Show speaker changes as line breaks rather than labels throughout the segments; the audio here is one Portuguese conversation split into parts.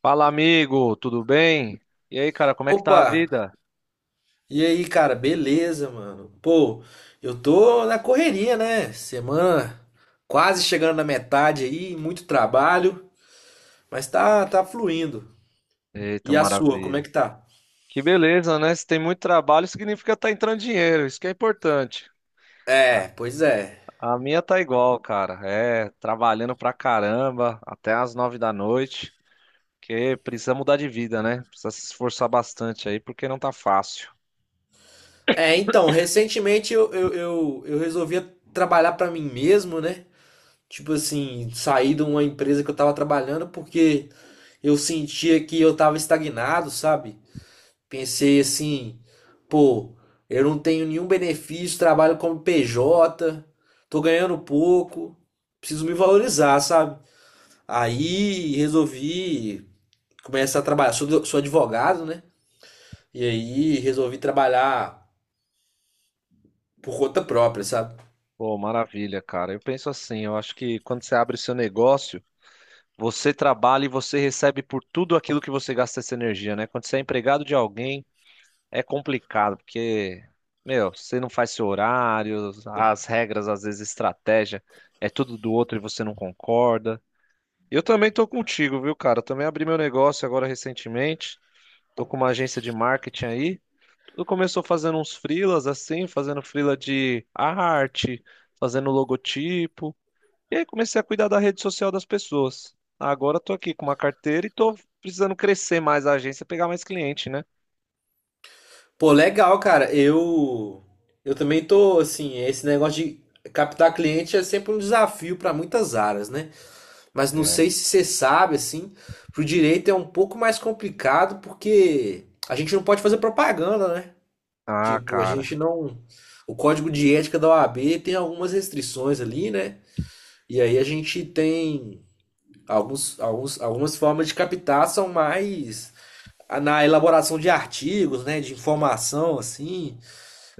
Fala, amigo, tudo bem? E aí, cara, como é que tá a
Opa!
vida?
E aí, cara, beleza, mano? Pô, eu tô na correria, né? Semana quase chegando na metade aí, muito trabalho, mas tá fluindo.
Eita,
E a sua, como é
maravilha.
que tá?
Que beleza, né? Se tem muito trabalho, significa tá entrando dinheiro, isso que é importante.
É, pois é.
A minha tá igual, cara. É, trabalhando pra caramba, até às nove da noite, que precisa mudar de vida, né? Precisa se esforçar bastante aí, porque não tá fácil.
É, então, recentemente eu resolvi trabalhar pra mim mesmo, né? Tipo assim, sair de uma empresa que eu tava trabalhando porque eu sentia que eu tava estagnado, sabe? Pensei assim, pô, eu não tenho nenhum benefício, trabalho como PJ, tô ganhando pouco, preciso me valorizar, sabe? Aí resolvi começar a trabalhar. Sou, sou advogado, né? E aí resolvi trabalhar por conta própria, sabe?
Pô, maravilha, cara. Eu penso assim, eu acho que quando você abre o seu negócio, você trabalha e você recebe por tudo aquilo que você gasta essa energia, né? Quando você é empregado de alguém, é complicado, porque, meu, você não faz seu horário, as regras, às vezes, estratégia, é tudo do outro e você não concorda. Eu também tô contigo, viu, cara? Eu também abri meu negócio agora recentemente. Tô com uma agência de marketing aí. Tudo começou fazendo uns freelas assim, fazendo freela de arte, fazendo logotipo. E aí comecei a cuidar da rede social das pessoas. Agora tô aqui com uma carteira e tô precisando crescer mais a agência, pegar mais cliente, né?
Pô, legal, cara. Eu também tô assim, esse negócio de captar cliente é sempre um desafio para muitas áreas, né? Mas não
É.
sei se você sabe, assim, pro direito é um pouco mais complicado porque a gente não pode fazer propaganda, né?
Ah,
Tipo, a gente
cara.
não. O código de ética da OAB tem algumas restrições ali, né? E aí a gente tem algumas formas de captar são mais na elaboração de artigos, né? De informação, assim.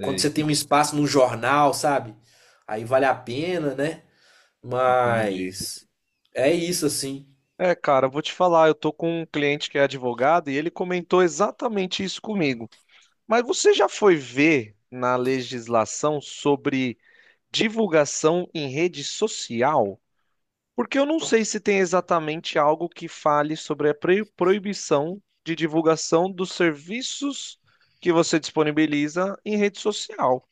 Quando você tem um espaço num jornal, sabe? Aí vale a pena, né?
Entendi.
Mas é isso, assim.
É, cara, eu vou te falar, eu tô com um cliente que é advogado e ele comentou exatamente isso comigo. Mas você já foi ver na legislação sobre divulgação em rede social? Porque eu não sei se tem exatamente algo que fale sobre a proibição de divulgação dos serviços que você disponibiliza em rede social.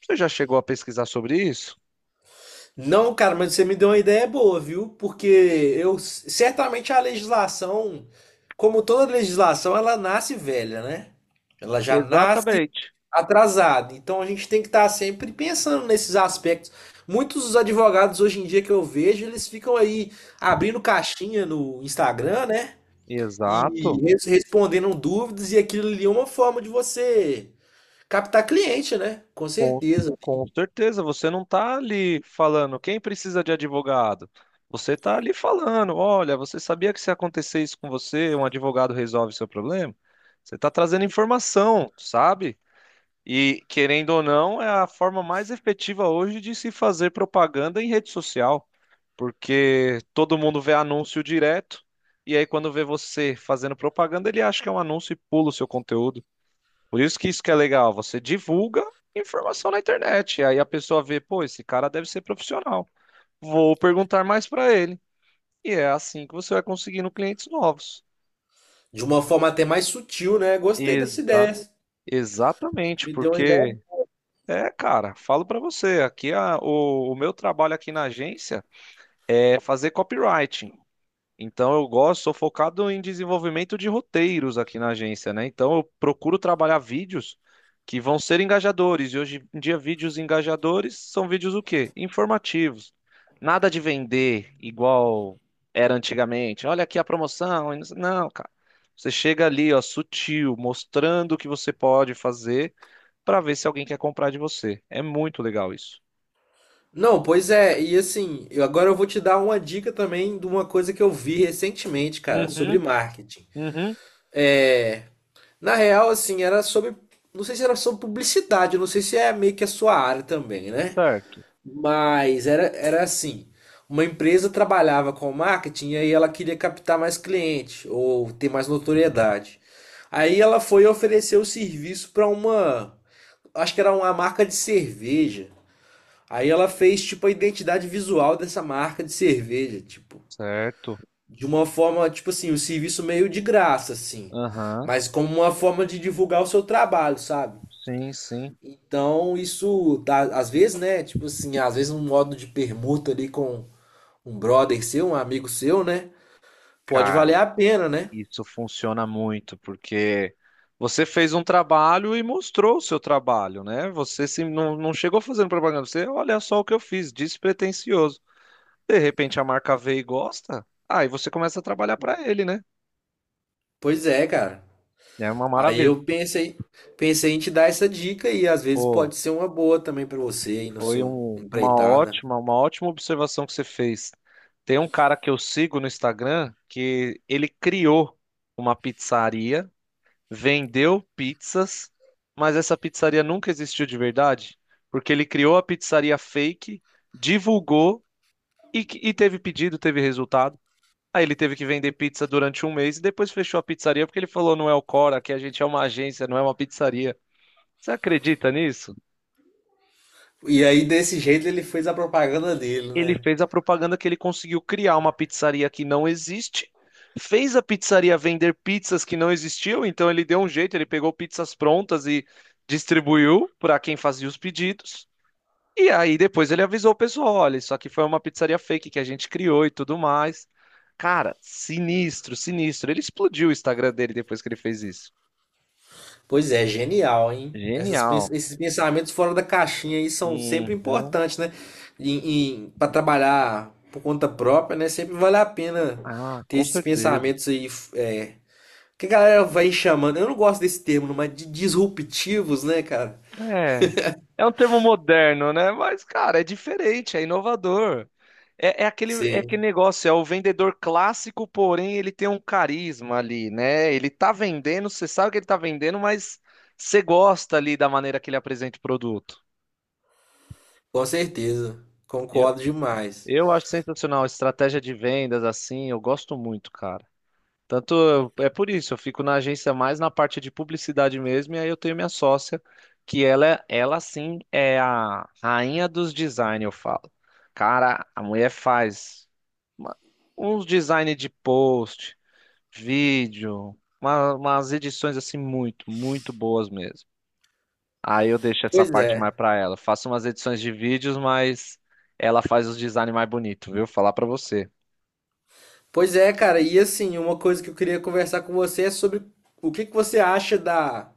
Você já chegou a pesquisar sobre isso?
Não, cara, mas você me deu uma ideia boa, viu? Porque eu certamente a legislação, como toda legislação, ela nasce velha, né? Ela já nasce
Exatamente.
atrasada. Então a gente tem que estar sempre pensando nesses aspectos. Muitos dos advogados hoje em dia que eu vejo, eles ficam aí abrindo caixinha no Instagram, né? E
Exato.
respondendo dúvidas, e aquilo ali é uma forma de você captar cliente, né? Com
Com,
certeza.
com certeza, você não está ali falando quem precisa de advogado. Você está ali falando, olha, você sabia que se acontecer isso com você, um advogado resolve seu problema? Você está trazendo informação, sabe? E querendo ou não, é a forma mais efetiva hoje de se fazer propaganda em rede social, porque todo mundo vê anúncio direto, e aí quando vê você fazendo propaganda, ele acha que é um anúncio e pula o seu conteúdo. Por isso que é legal, você divulga informação na internet, e aí a pessoa vê, pô, esse cara deve ser profissional. Vou perguntar mais para ele. E é assim que você vai conseguindo clientes novos.
De uma forma até mais sutil, né? Gostei dessa ideia.
Exato. Exatamente,
Me deu uma ideia.
porque é, cara, falo para você, aqui o meu trabalho aqui na agência é fazer copywriting. Então eu gosto, sou focado em desenvolvimento de roteiros aqui na agência, né? Então eu procuro trabalhar vídeos que vão ser engajadores. E hoje em dia, vídeos engajadores são vídeos o quê? Informativos. Nada de vender igual era antigamente. Olha aqui a promoção. Não, não, cara. Você chega ali, ó, sutil, mostrando o que você pode fazer para ver se alguém quer comprar de você. É muito legal isso.
Não, pois é, e assim, eu agora eu vou te dar uma dica também de uma coisa que eu vi recentemente, cara,
Uhum,
sobre marketing.
uhum,
É, na real, assim, era não sei se era sobre publicidade, não sei se é meio que a sua área também, né?
certo,
Mas era assim, uma empresa trabalhava com marketing e aí ela queria captar mais cliente ou ter mais notoriedade. Aí ela foi oferecer o serviço para uma, acho que era uma marca de cerveja. Aí ela fez, tipo, a identidade visual dessa marca de cerveja, tipo,
certo.
de uma forma, tipo assim, um serviço meio de graça, assim,
Aham,
mas como uma forma de divulgar o seu trabalho, sabe?
sim, sim.
Então, isso, dá, às vezes, né, tipo assim, às vezes um modo de permuta ali com um brother seu, um amigo seu, né, pode valer
Cara,
a pena, né?
isso funciona muito, porque você fez um trabalho e mostrou o seu trabalho, né? Você se, não, não chegou fazendo propaganda, você, olha só o que eu fiz, despretensioso. De repente a marca vê e gosta, aí você começa a trabalhar para ele, né?
Pois é, cara.
É uma
Aí
maravilha.
eu pensei, pensei em te dar essa dica e às vezes
Pô,
pode ser uma boa também pra você aí na
foi
sua
uma
empreitada.
uma ótima observação que você fez. Tem um cara que eu sigo no Instagram que ele criou uma pizzaria vendeu pizzas, mas essa pizzaria nunca existiu de verdade, porque ele criou a pizzaria fake, divulgou e, e teve pedido, teve resultado. Aí ele teve que vender pizza durante um mês e depois fechou a pizzaria porque ele falou, não é o Cora, que a gente é uma agência, não é uma pizzaria. Você acredita nisso?
E aí, desse jeito, ele fez a propaganda dele,
Ele
né?
fez a propaganda que ele conseguiu criar uma pizzaria que não existe, fez a pizzaria vender pizzas que não existiam, então ele deu um jeito, ele pegou pizzas prontas e distribuiu para quem fazia os pedidos. E aí depois ele avisou o pessoal, olha, isso aqui foi uma pizzaria fake que a gente criou e tudo mais. Cara, sinistro, sinistro. Ele explodiu o Instagram dele depois que ele fez isso.
Pois é, genial, hein? Essas,
Genial.
esses pensamentos fora da caixinha aí são sempre
Uhum.
importantes, né? Em, para trabalhar por conta própria, né? Sempre vale a pena
Ah,
ter
com
esses
certeza.
pensamentos aí, que a galera vai chamando, eu não gosto desse termo, não, mas de disruptivos, né, cara?
É, é um termo moderno, né? Mas, cara, é diferente, é inovador. É aquele
Sim,
negócio, é o vendedor clássico, porém ele tem um carisma ali, né? Ele tá vendendo, você sabe que ele tá vendendo, mas você gosta ali da maneira que ele apresenta o produto.
com certeza. Concordo demais.
Eu acho sensacional, estratégia de vendas assim, eu gosto muito, cara. Tanto é por isso, eu fico na agência mais na parte de publicidade mesmo, e aí eu tenho minha sócia, que ela, ela sim é a rainha dos design, eu falo. Cara, a mulher faz uma- uns design de post, vídeo, umas edições assim muito boas mesmo. Aí eu deixo essa
Pois
parte
é.
mais pra ela. Faço umas edições de vídeos, mas ela faz os designs mais bonitos, viu? Falar pra você.
Pois é, cara, e assim, uma coisa que eu queria conversar com você é sobre o que que você acha da,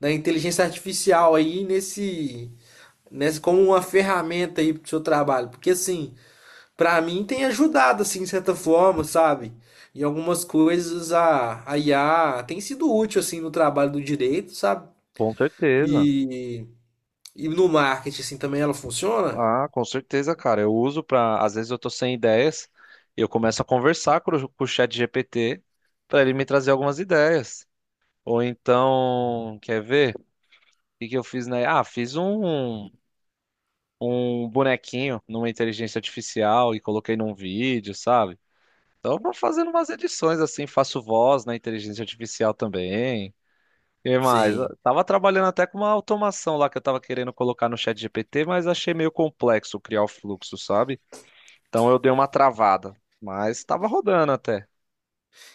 da inteligência artificial aí nesse, nesse como uma ferramenta aí pro seu trabalho, porque assim, pra mim tem ajudado assim de certa forma, sabe? Em algumas coisas a IA tem sido útil assim no trabalho do direito, sabe?
Com certeza.
E, e no marketing assim também ela funciona?
Ah, com certeza, cara. Eu uso pra. Às vezes eu tô sem ideias, eu começo a conversar com o chat GPT pra ele me trazer algumas ideias. Ou então, quer ver? O que que eu fiz, né? Ah, fiz um bonequinho numa inteligência artificial e coloquei num vídeo, sabe? Então, eu vou fazendo umas edições assim, faço voz na inteligência artificial também. Que mais?
Sim.
Eu tava trabalhando até com uma automação lá que eu tava querendo colocar no chat GPT, mas achei meio complexo criar o fluxo, sabe? Então eu dei uma travada, mas tava rodando até.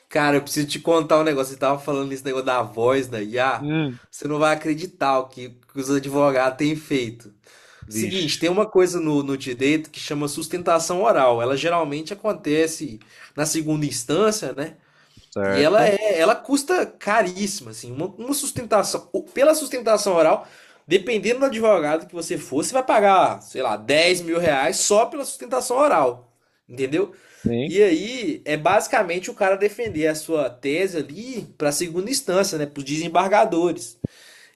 Cara, eu preciso te contar um negócio. Você tava falando esse negócio da voz da IA.
Hum,
Você não vai acreditar que os advogados têm feito.
vixe,
Seguinte, tem uma coisa no, no direito que chama sustentação oral. Ela geralmente acontece na segunda instância, né? E ela
certo?
é, ela custa caríssima, assim, uma sustentação, pela sustentação oral, dependendo do advogado que você for, você vai pagar, sei lá, R$ 10.000 só pela sustentação oral, entendeu?
Sim.
E aí é basicamente o cara defender a sua tese ali para segunda instância, né, para os desembargadores.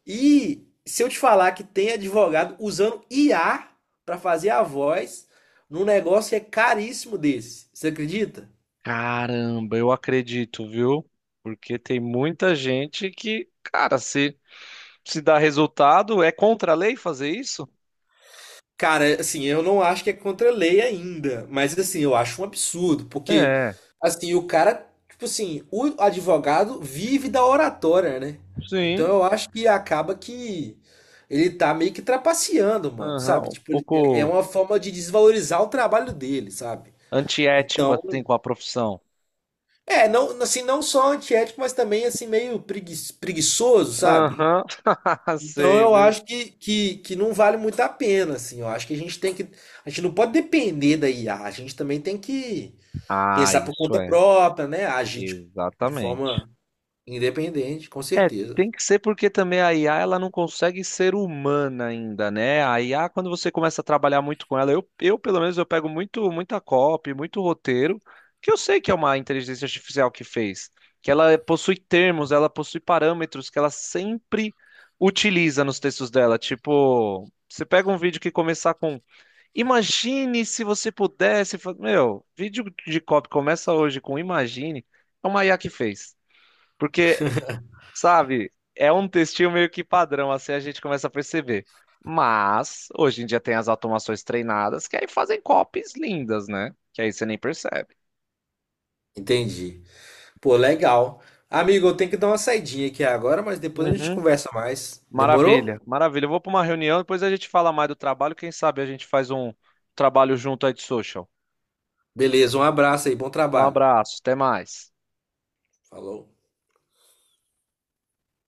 E se eu te falar que tem advogado usando IA para fazer a voz num negócio que é caríssimo desse, você acredita?
Caramba, eu acredito, viu? Porque tem muita gente que, cara, se dá resultado, é contra a lei fazer isso?
Cara, assim, eu não acho que é contra a lei ainda, mas assim, eu acho um absurdo, porque
É,
assim, o cara, tipo assim, o advogado vive da oratória, né? Então
sim.
eu acho que acaba que ele tá meio que trapaceando, mano, sabe?
Aham, um
Tipo, é
pouco
uma forma de desvalorizar o trabalho dele, sabe?
antiético
Então,
assim com a profissão.
é, não, assim, não só antiético, mas também assim meio preguiçoso, sabe?
Aham,
Então
sei,
eu
viu?
acho que não vale muito a pena, assim. Eu acho que a gente tem que. A gente não pode depender da IA. A gente também tem que
Ah,
pensar por
isso
conta
é,
própria, né? Agir de
exatamente.
forma independente, com
É,
certeza.
tem que ser porque também a IA ela não consegue ser humana ainda, né? A IA, quando você começa a trabalhar muito com ela, eu pelo menos eu pego muito muita copy, muito roteiro, que eu sei que é uma inteligência artificial que fez, que ela possui termos, ela possui parâmetros que ela sempre utiliza nos textos dela. Tipo, você pega um vídeo que começar com Imagine se você pudesse. Meu, vídeo de cop começa hoje com Imagine. É o Maiá que fez. Porque, sabe, é um textinho meio que padrão, assim a gente começa a perceber. Mas, hoje em dia tem as automações treinadas que aí fazem copies lindas, né? Que aí você nem percebe.
Entendi. Pô, legal. Amigo, eu tenho que dar uma saidinha aqui agora, mas depois a gente
Uhum.
conversa mais. Demorou?
Maravilha, maravilha. Eu vou para uma reunião, depois a gente fala mais do trabalho. Quem sabe a gente faz um trabalho junto aí de social.
Beleza, um abraço aí, bom
Um
trabalho.
abraço, até mais.
Falou.